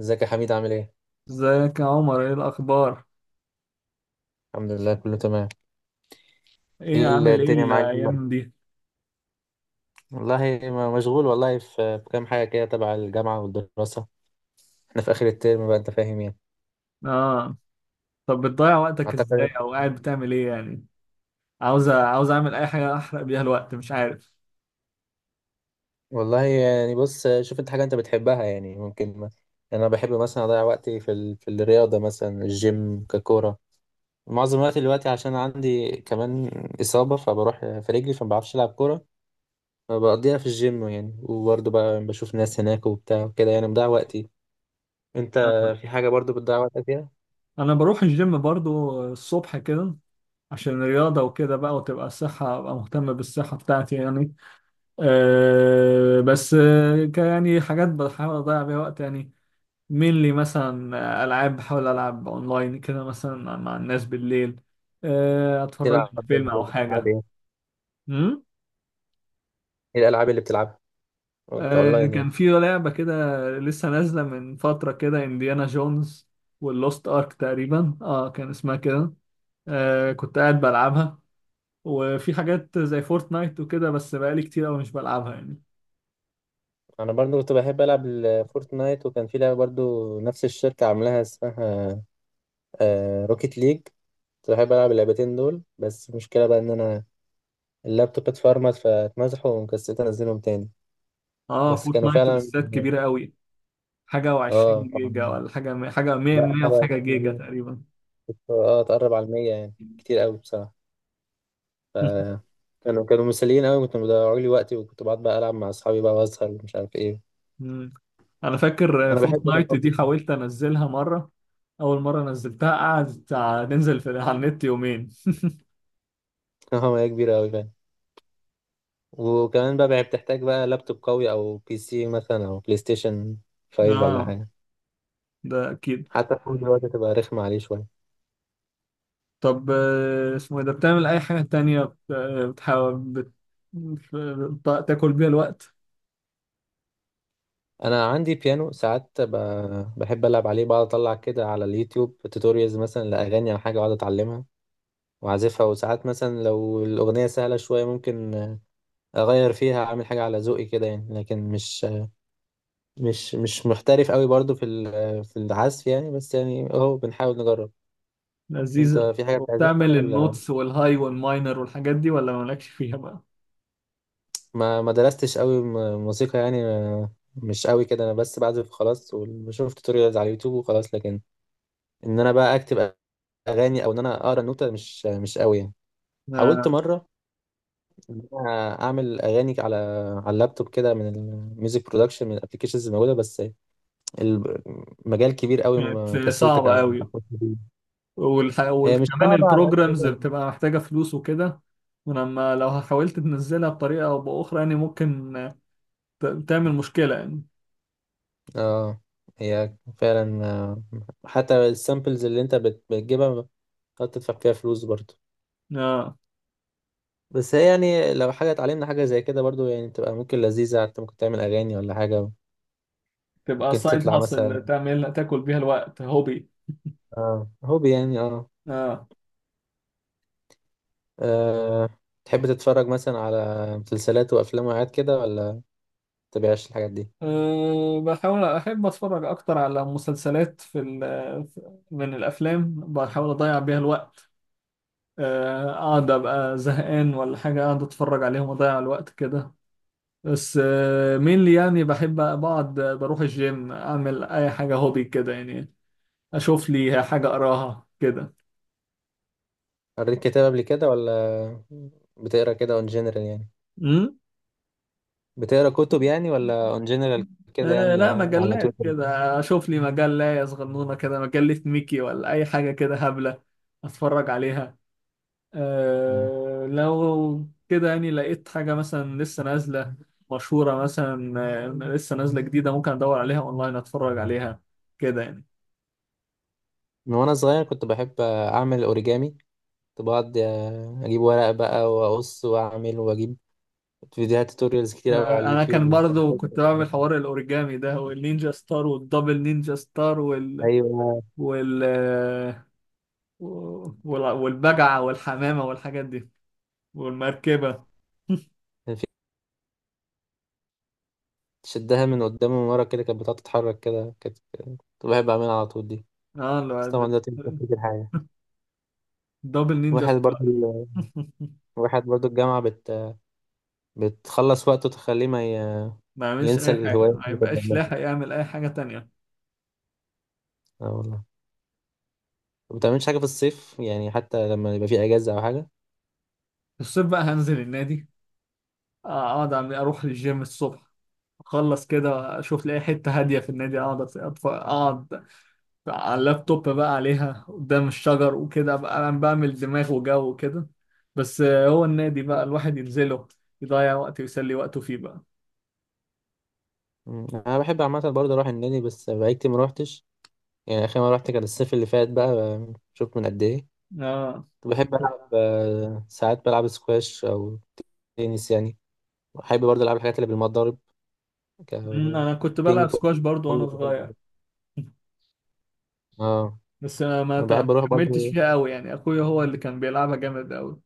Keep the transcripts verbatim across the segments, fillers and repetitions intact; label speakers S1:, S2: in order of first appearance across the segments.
S1: ازيك يا حميد، عامل ايه؟
S2: ازيك يا عمر؟ ايه الاخبار؟
S1: الحمد لله، كله تمام.
S2: ايه
S1: ايه ال-
S2: عامل ايه
S1: الدنيا معاك دي بقى؟
S2: الايام دي؟
S1: والله ما- مشغول والله في في كام حاجة كده تبع الجامعة والدراسة. احنا في آخر الترم بقى، انت فاهم يعني.
S2: اه. طب بتضيع وقتك ازاي،
S1: اعتقد
S2: او قاعد بتعمل ايه يعني؟ عاوز عاوز اعمل اي حاجه احرق بيها الوقت، مش عارف.
S1: والله يعني بص، شوف انت حاجة انت بتحبها يعني ممكن ما. يعني انا بحب مثلا اضيع وقتي في ال... في الرياضة، مثلا الجيم ككورة، معظم وقتي دلوقتي. عشان عندي كمان إصابة فبروح في رجلي، فما بعرفش ألعب كورة، فبقضيها في الجيم يعني. وبرضه بقى بشوف ناس هناك وبتاع وكده، يعني بضيع وقتي. انت
S2: آه.
S1: في حاجة برضه بتضيع وقتك فيها؟
S2: انا بروح الجيم برضو الصبح كده عشان الرياضه وكده بقى، وتبقى الصحه، ابقى مهتم بالصحه بتاعتي يعني. آه بس آه، ك- يعني حاجات بحاول اضيع بيها وقت يعني. مين مثلا؟ آه، العاب بحاول العب اونلاين كده مثلا مع الناس بالليل. آه، اتفرج
S1: بتلعب
S2: لي فيلم او
S1: بتلعب
S2: حاجه.
S1: ايه؟
S2: امم
S1: ايه الالعاب اللي بتلعبها؟
S2: آه
S1: كاونلاين
S2: كان
S1: يعني؟
S2: في لعبة كده، لسه نازلة من فترة كده، انديانا جونز واللوست ارك تقريبا، اه كان اسمها كده. آه كنت قاعد بلعبها. وفي حاجات زي فورتنايت وكده، بس بقالي كتير قوي مش بلعبها يعني.
S1: انا برضو كنت بحب العب الفورتنايت، وكان في لعبه برضو نفس الشركه عاملاها، اسمها آه روكيت ليج. كنت بحب العب اللعبتين دول، بس المشكله بقى ان انا اللابتوب اتفرمت فاتمسحوا وكسلت انزلهم تاني.
S2: اه
S1: بس كانوا
S2: فورتنايت
S1: فعلا.
S2: بالذات كبيرة قوي، حاجة
S1: اه
S2: وعشرين جيجا
S1: طبعا.
S2: ولا حاجة حاجة مية
S1: لا،
S2: مية
S1: حاجه
S2: وحاجة
S1: اسمها
S2: جيجا
S1: إيه؟
S2: تقريبا.
S1: كنت- اه تقرب على المية يعني، كتير قوي بصراحه. ف كانوا كانوا مسليين قوي، كنت مضيعوا لي وقتي، وكنت بقعد بقى العب مع اصحابي بقى واسهر ومش عارف ايه.
S2: مم. انا فاكر
S1: انا بحب
S2: فورتنايت دي حاولت انزلها مرة، اول مرة نزلتها قعدت تع- ننزل في على النت يومين.
S1: اه، هي كبيرة أوي فعلا. وكمان بقى بقى بتحتاج بقى لابتوب قوي، أو بي سي مثلا، أو بلاي ستيشن خمسة ولا
S2: اه،
S1: حاجة.
S2: ده أكيد.
S1: حتى الفون دلوقتي تبقى رخمة عليه شوية.
S2: طب آه، اسمه إيه ده، بتعمل أي حاجة تانية بت- آه، بتحاول بت... بت- تاكل بيها الوقت؟
S1: أنا عندي بيانو، ساعات ب- بحب ألعب عليه، بقعد أطلع كده على اليوتيوب توتوريالز مثلا لأغاني أو حاجة، وأقعد أتعلمها وأعزفها. وساعات مثلا لو الأغنية سهلة شوية، ممكن أغير فيها أعمل حاجة على ذوقي كده يعني، لكن مش مش مش محترف أوي برضو في ال- في العزف يعني، بس يعني أهو بنحاول نجرب. أنت
S2: لذيذة.
S1: في حاجة بتعزفها
S2: وبتعمل
S1: ولا؟
S2: النوتس والهاي والماينر والحاجات دي، ولا مالكش فيها بقى؟
S1: ما ما درستش قوي م- موسيقى يعني، ما- مش قوي كده، انا بس بعزف خلاص، وشفت توتوريالز على اليوتيوب وخلاص. لكن ان انا بقى اكتب اغاني، او ان انا اقرا النوتة، مش مش قوي يعني. حاولت
S2: آه،
S1: مره ان انا اعمل اغاني على على اللابتوب كده، من الميوزك برودكشن، من الابلكيشنز الموجوده. بس المجال كبير قوي،
S2: كانت
S1: ما كسلت
S2: صعبة
S1: كا-
S2: أوي.
S1: اخش فيه.
S2: والح...
S1: هي مش
S2: وكمان
S1: صعبه على
S2: البروجرامز
S1: قد.
S2: بتبقى محتاجة فلوس وكده. ولما لو حاولت تنزلها بطريقة أو بأخرى، يعني ممكن ت... تعمل مشكلة يعني.
S1: اه هي فعلا، آه، حتى السامبلز اللي انت بت- بتجيبها، تقعد تدفع فيها فلوس برضه.
S2: آه.
S1: بس هي يعني لو حاجة اتعلمنا حاجة زي كده برضو، يعني تبقى ممكن لذيذة، انت ممكن تعمل أغاني ولا حاجة.
S2: تبقى
S1: ممكن
S2: سايد
S1: تطلع مثلا.
S2: هاسل، تعمل تاكل بيها الوقت، هوبي.
S1: اه، هوبي يعني، اه.
S2: اه.
S1: آه، تحب تتفرج مثلا على مسلسلات وأفلام وحاجات كده، ولا متبقاش الحاجات دي؟
S2: أه بحاول أحب أتفرج أكتر على مسلسلات، في ال- من الأفلام بحاول أضيع بيها الوقت. أه، أقعد أبقى زهقان ولا حاجة، أقعد أتفرج عليهم وأضيع الوقت كده. بس أه، مين اللي يعني بحب بقعد بروح الجيم، أعمل أي حاجة هوبي كده يعني. أشوف لي حاجة أقراها كده.
S1: قريت كتاب قبل كده، ولا بتقرا كده اون جنرال يعني؟
S2: أمم
S1: بتقرا كتب يعني، ولا اون جنرال كده
S2: أه
S1: يعني،
S2: لا،
S1: آه، على طول
S2: مجلات
S1: كده؟
S2: كده أشوف لي مجلة صغنونة كده، مجلة ميكي ولا أي حاجة كده هبلة أتفرج عليها.
S1: مم.
S2: أه لو كده يعني لقيت حاجة مثلا لسه نازلة، مشهورة مثلا، آه، لسه نازلة جديدة، ممكن أدور عليها أونلاين أتفرج عليها كده يعني.
S1: من وأنا صغير، كنت بحب آه، أعمل أوريجامي. كنت بقعد آه، أجيب ورق بقى وأقص وأعمل، وأجيب فيديوهات توتوريالز كتير قوي على
S2: أه. أنا
S1: اليوتيوب
S2: كان
S1: وكان
S2: برضو كنت
S1: فيها-
S2: بعمل حوار الأوريجامي ده، والنينجا ستار والدبل نينجا ستار وال
S1: ايوه.
S2: وال آه، وال- والبجعة والحمامة والحاجات دي والمركبة.
S1: كان في شدها من قدام ومن ورا كده، كانت بتقعد تتحرك كده، كانت كنت بحب اعملها على طول دي.
S2: اه
S1: بس طبعا
S2: لو-
S1: دلوقتي مش فاكر حاجه.
S2: دبل نينجا
S1: واحد برضو
S2: ستار.
S1: ال- واحد برضو الجامعه بت... بتخلص وقته، تخليه ما ي...
S2: ما يعملش
S1: ينسى
S2: أي حاجة،
S1: الهوايات
S2: ما
S1: اللي كان
S2: يبقاش
S1: بيعملها.
S2: لاحق يعمل أي حاجة تانية.
S1: اه والله، ما بتعملش حاجه في الصيف يعني، حتى لما يبقى في اجازه او حاجه؟
S2: في الصيف بقى هنزل النادي، آه، اقعد أعمل- اروح للجيم الصبح، اخلص كده اشوف لي اي حته هاديه في النادي، اقعد أت- أتف- اقعد على اللابتوب بقى عليها قدام الشجر وكده، ابقى انا بعمل دماغ وجو كده. بس آه، هو النادي بقى الواحد ينزله يضيع وقت ويسلي وقته فيه بقى.
S1: مم. انا بحب عامه برضو اروح النادي، بس بقالي كتير ما روحتش. يعني اخر مره رحت كان الصيف اللي فات بقى، شوف من قد ايه.
S2: اه.
S1: كنت بحب العب آه، ساعات بلعب سكواش او تنس يعني. بحب برضه العب الحاجات اللي بالمضارب، ك
S2: أمم، انا كنت بلعب
S1: بينج
S2: سكواش برضو
S1: بونج،
S2: وانا صغير.
S1: اه.
S2: بس أنا ما
S1: انا
S2: ت-
S1: بحب
S2: ما
S1: اروح
S2: كملتش
S1: برضه،
S2: فيها قوي يعني، اخويا هو اللي كان بيلعبها جامد قوي.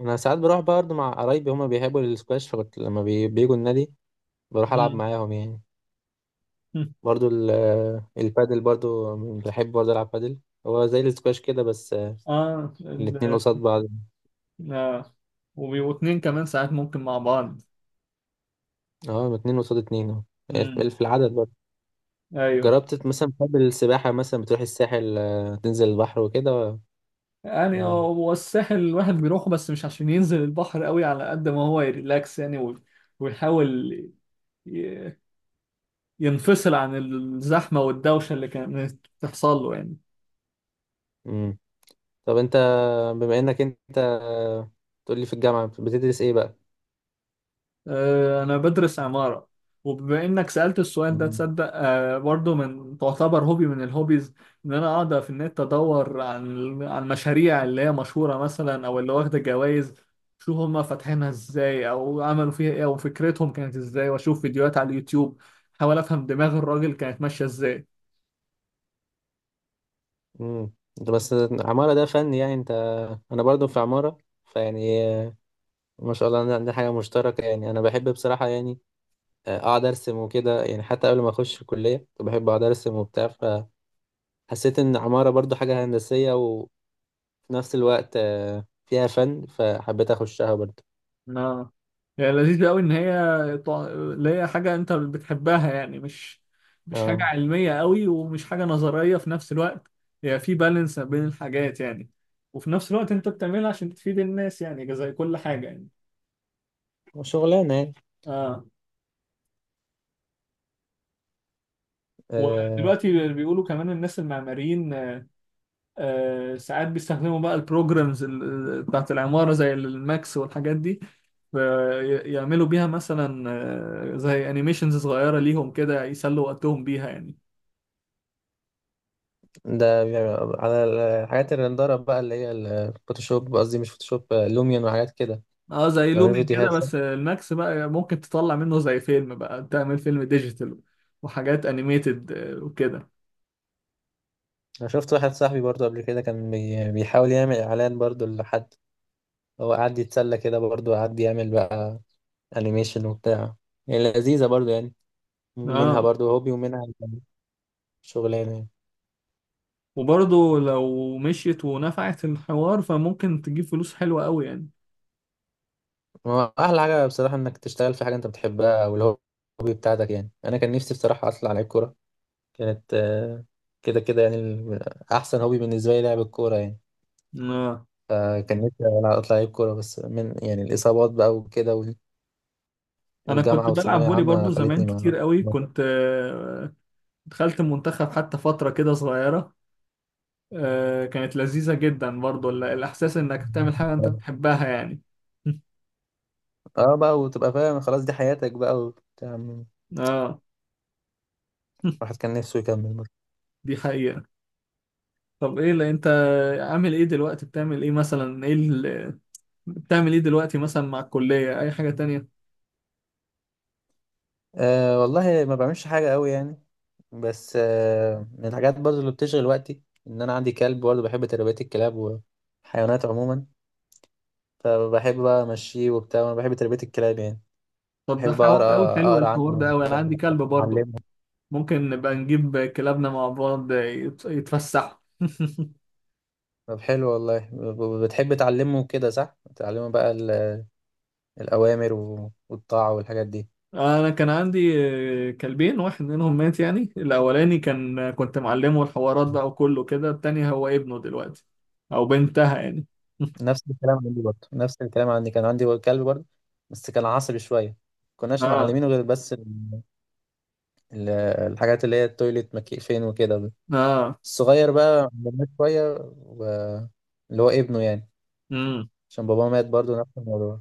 S1: انا ساعات بروح برضه مع قرايبي، هما بيحبوا السكواش، فكنت لما بي... بيجوا النادي بروح العب
S2: أمم.
S1: معاهم يعني. برضه ال... البادل برضه، بحب برضه العب بادل. هو زي السكواش كده، بس آه،
S2: اه
S1: الاتنين
S2: ال-
S1: قصاد بعض.
S2: اه وبيبقوا اتنين كمان، ساعات ممكن مع بعض.
S1: اه، اتنين قصاد اتنين، اه. في في العدد برضه.
S2: ايوه.
S1: جربت مثلا، بتحب السباحة مثلا؟ بتروح الساحل آه، تنزل البحر وكده،
S2: يعني
S1: ولا؟
S2: هو الساحل الواحد بيروحه، بس مش عشان ينزل البحر قوي على قد ما هو يريلاكس يعني، وي- ويحاول ي- ينفصل عن الزحمة والدوشة اللي كانت بتحصل له يعني.
S1: مم. طب انت، بما انك انت تقول لي، في الجامعة بتدرس ايه بقى؟
S2: آه، أنا بدرس عمارة. وبما إنك سألت السؤال ده،
S1: مم.
S2: تصدق آه، برضه من تعتبر هوبي من الهوبيز، إن أنا أقعد في النت أدور عن عن مشاريع اللي هي مشهورة مثلا أو اللي واخدة جوائز، شوف هما فاتحينها إزاي أو عملوا فيها إيه أو فكرتهم كانت إزاي، وأشوف فيديوهات على اليوتيوب، أحاول أفهم دماغ الراجل كانت ماشية إزاي.
S1: امم انت بس، عمارة ده فن يعني؟ انت، انا برضو في عمارة فيعني، ما شاء الله، عندنا عندنا حاجة مشتركة يعني. انا بحب بصراحة يعني اقعد ارسم وكده يعني، حتى قبل ما اخش الكلية كنت بحب اقعد ارسم وبتاع. فحسيت ان عمارة برضو حاجة هندسية، وفي نفس الوقت آه، فيها فن، فحبيت اخشها برضو.
S2: اه. يعني لذيذ قوي ان هي طع- اللي هي حاجه انت بتحبها يعني، مش مش حاجه
S1: اه،
S2: علميه قوي، ومش حاجه نظريه في نفس الوقت. هي في بالانس بين الحاجات يعني، وفي نفس الوقت انت بتعملها عشان تفيد الناس يعني، زي كل حاجه يعني.
S1: شغلانة
S2: اه.
S1: يعني.
S2: ودلوقتي بيقولوا كمان الناس المعماريين آه ساعات بيستخدموا بقى البروجرامز ال- بتاعت العماره زي الماكس والحاجات دي، يعملوا بيها مثلا آه، زي انيميشنز صغيرة ليهم كده، يسلوا وقتهم بيها يعني.
S1: ده بيبقى على الحاجات الرندرة بقى، اللي هي الفوتوشوب، قصدي مش فوتوشوب، لوميون وحاجات كده.
S2: اه زي
S1: بيعملوا
S2: لومين كده،
S1: فيديوهات صح؟
S2: بس الماكس بقى ممكن تطلع منه زي فيلم بقى، تعمل فيلم ديجيتال وحاجات انيميتد وكده.
S1: أنا شفت واحد صاحبي برضو قبل كده، كان بي- بيحاول يعمل إعلان برضو لحد. هو قعد يتسلى كده برضو، قعد يعمل بقى أنيميشن وبتاع، يعني لذيذة برضو يعني، منها
S2: اه.
S1: برضو هوبي ومنها شغلانة يعني.
S2: وبرضه لو مشيت ونفعت الحوار فممكن تجيب فلوس حلوة قوي يعني.
S1: هو أحلى حاجة بصراحة إنك تشتغل في حاجة أنت بتحبها، أو الهوبي بتاعتك يعني. أنا كان نفسي بصراحة أطلع لعيب كورة، كانت آه، كده كده يعني ال- أحسن هوبي بالنسبة لي لعب الكورة يعني.
S2: اه
S1: فكان نفسي ألعب- أطلع لعيب كورة، بس من يعني الإصابات بقى وكده وال-
S2: انا
S1: والجامعة
S2: كنت بلعب
S1: والثانوية
S2: فولي
S1: عامة
S2: برضه زمان
S1: خلتني ما
S2: كتير قوي،
S1: ما-
S2: كنت آه، دخلت المنتخب حتى فترة كده صغيرة. آه، كانت لذيذة جدا برضه ال- الاحساس انك بتعمل حاجة انت بتحبها يعني.
S1: اه بقى، وتبقى فاهم خلاص دي حياتك بقى وبتاع.
S2: اه.
S1: الواحد كان نفسه يكمل برضه.
S2: دي حقيقة. طب ايه اللي انت عامل ايه دلوقتي؟ بتعمل ايه مثلا؟ ايه اللي بتعمل ايه دلوقتي مثلا، مع الكلية اي حاجة تانية؟
S1: آه والله ما بعملش حاجة قوي يعني. بس آه من الحاجات برضه اللي بتشغل وقتي، إن أنا عندي كلب برضه، بحب تربية الكلاب والحيوانات عموما. فبحب بقى أمشيه وبتاع، وأنا بحب تربية الكلاب يعني.
S2: طب ده
S1: بحب بقى
S2: حوار قوي
S1: أقرأ
S2: حلو،
S1: أقرأ
S2: الحوار ده
S1: عنهم
S2: قوي، انا عندي كلب برضه،
S1: وأعلمهم.
S2: ممكن نبقى نجيب كلابنا مع بعض يت- يتفسحوا.
S1: طب حلو والله. ب- ب- بتحب تعلمه كده صح؟ تعلمه بقى ال- الأوامر و- والطاعة والحاجات دي.
S2: انا كان عندي آه، كلبين، واحد منهم مات يعني، الاولاني كان كنت معلمه الحوارات بقى وكله كده، التاني هو ابنه دلوقتي او بنتها يعني.
S1: نفس الكلام عندي برضه نفس الكلام عندي، كان عندي كلب برضه، بس كان عصبي شوية. كناش
S2: اه.
S1: معلمينه غير بس ال- ال- الحاجات اللي هي التويليت مكي فين وكده.
S2: اه.
S1: الصغير بقى عملناه شوية و... اللي هو ابنه يعني،
S2: امم.
S1: عشان باباه مات برضه نفس الموضوع.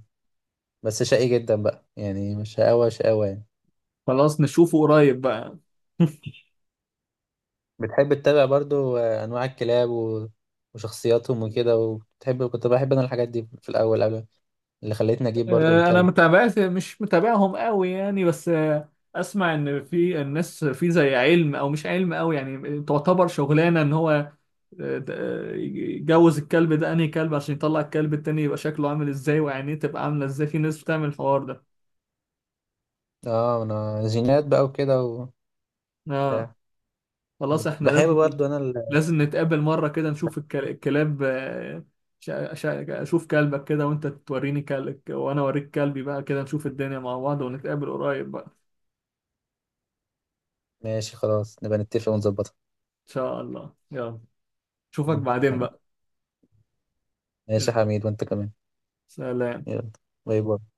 S1: بس شقي جدا بقى، يعني مش شقاوة شقاوة يعني.
S2: خلاص نشوفه قريب بقى.
S1: بتحب تتابع برضو آه، انواع الكلاب و... وشخصياتهم وكده؟ وبتحب، كنت بحب انا الحاجات دي في الاول، قبل اللي خلتني اجيب برضو
S2: آه، انا
S1: الكلب.
S2: متابعت مش متابعهم قوي يعني، بس آه، اسمع ان في الناس في زي علم او مش علم قوي يعني، تعتبر شغلانه ان هو آه، د- آه، يجوز الكلب ده انهي كلب عشان يطلع الكلب التاني يبقى شكله عامل ازاي وعينيه تبقى عامله ازاي، في ناس بتعمل الحوار ده.
S1: اه انا، جينات بقى وكده
S2: اه.
S1: وبتاع.
S2: خلاص احنا
S1: بحب
S2: لازم،
S1: برضو انا ال...
S2: لازم نتقابل مره كده، نشوف الك- الكلاب، آه، شا- شا- اشوف كلبك كده، وانت توريني كلبك وانا اوريك كلبي بقى كده، نشوف الدنيا مع بعض، ونتقابل قريب بقى.
S1: ماشي، خلاص نبقى نتفق ونظبطها.
S2: ان شاء الله. يلا اشوفك بعدين بقى.
S1: ماشي يا حميد، وانت كمان.
S2: سلام.
S1: يلا. باي باي.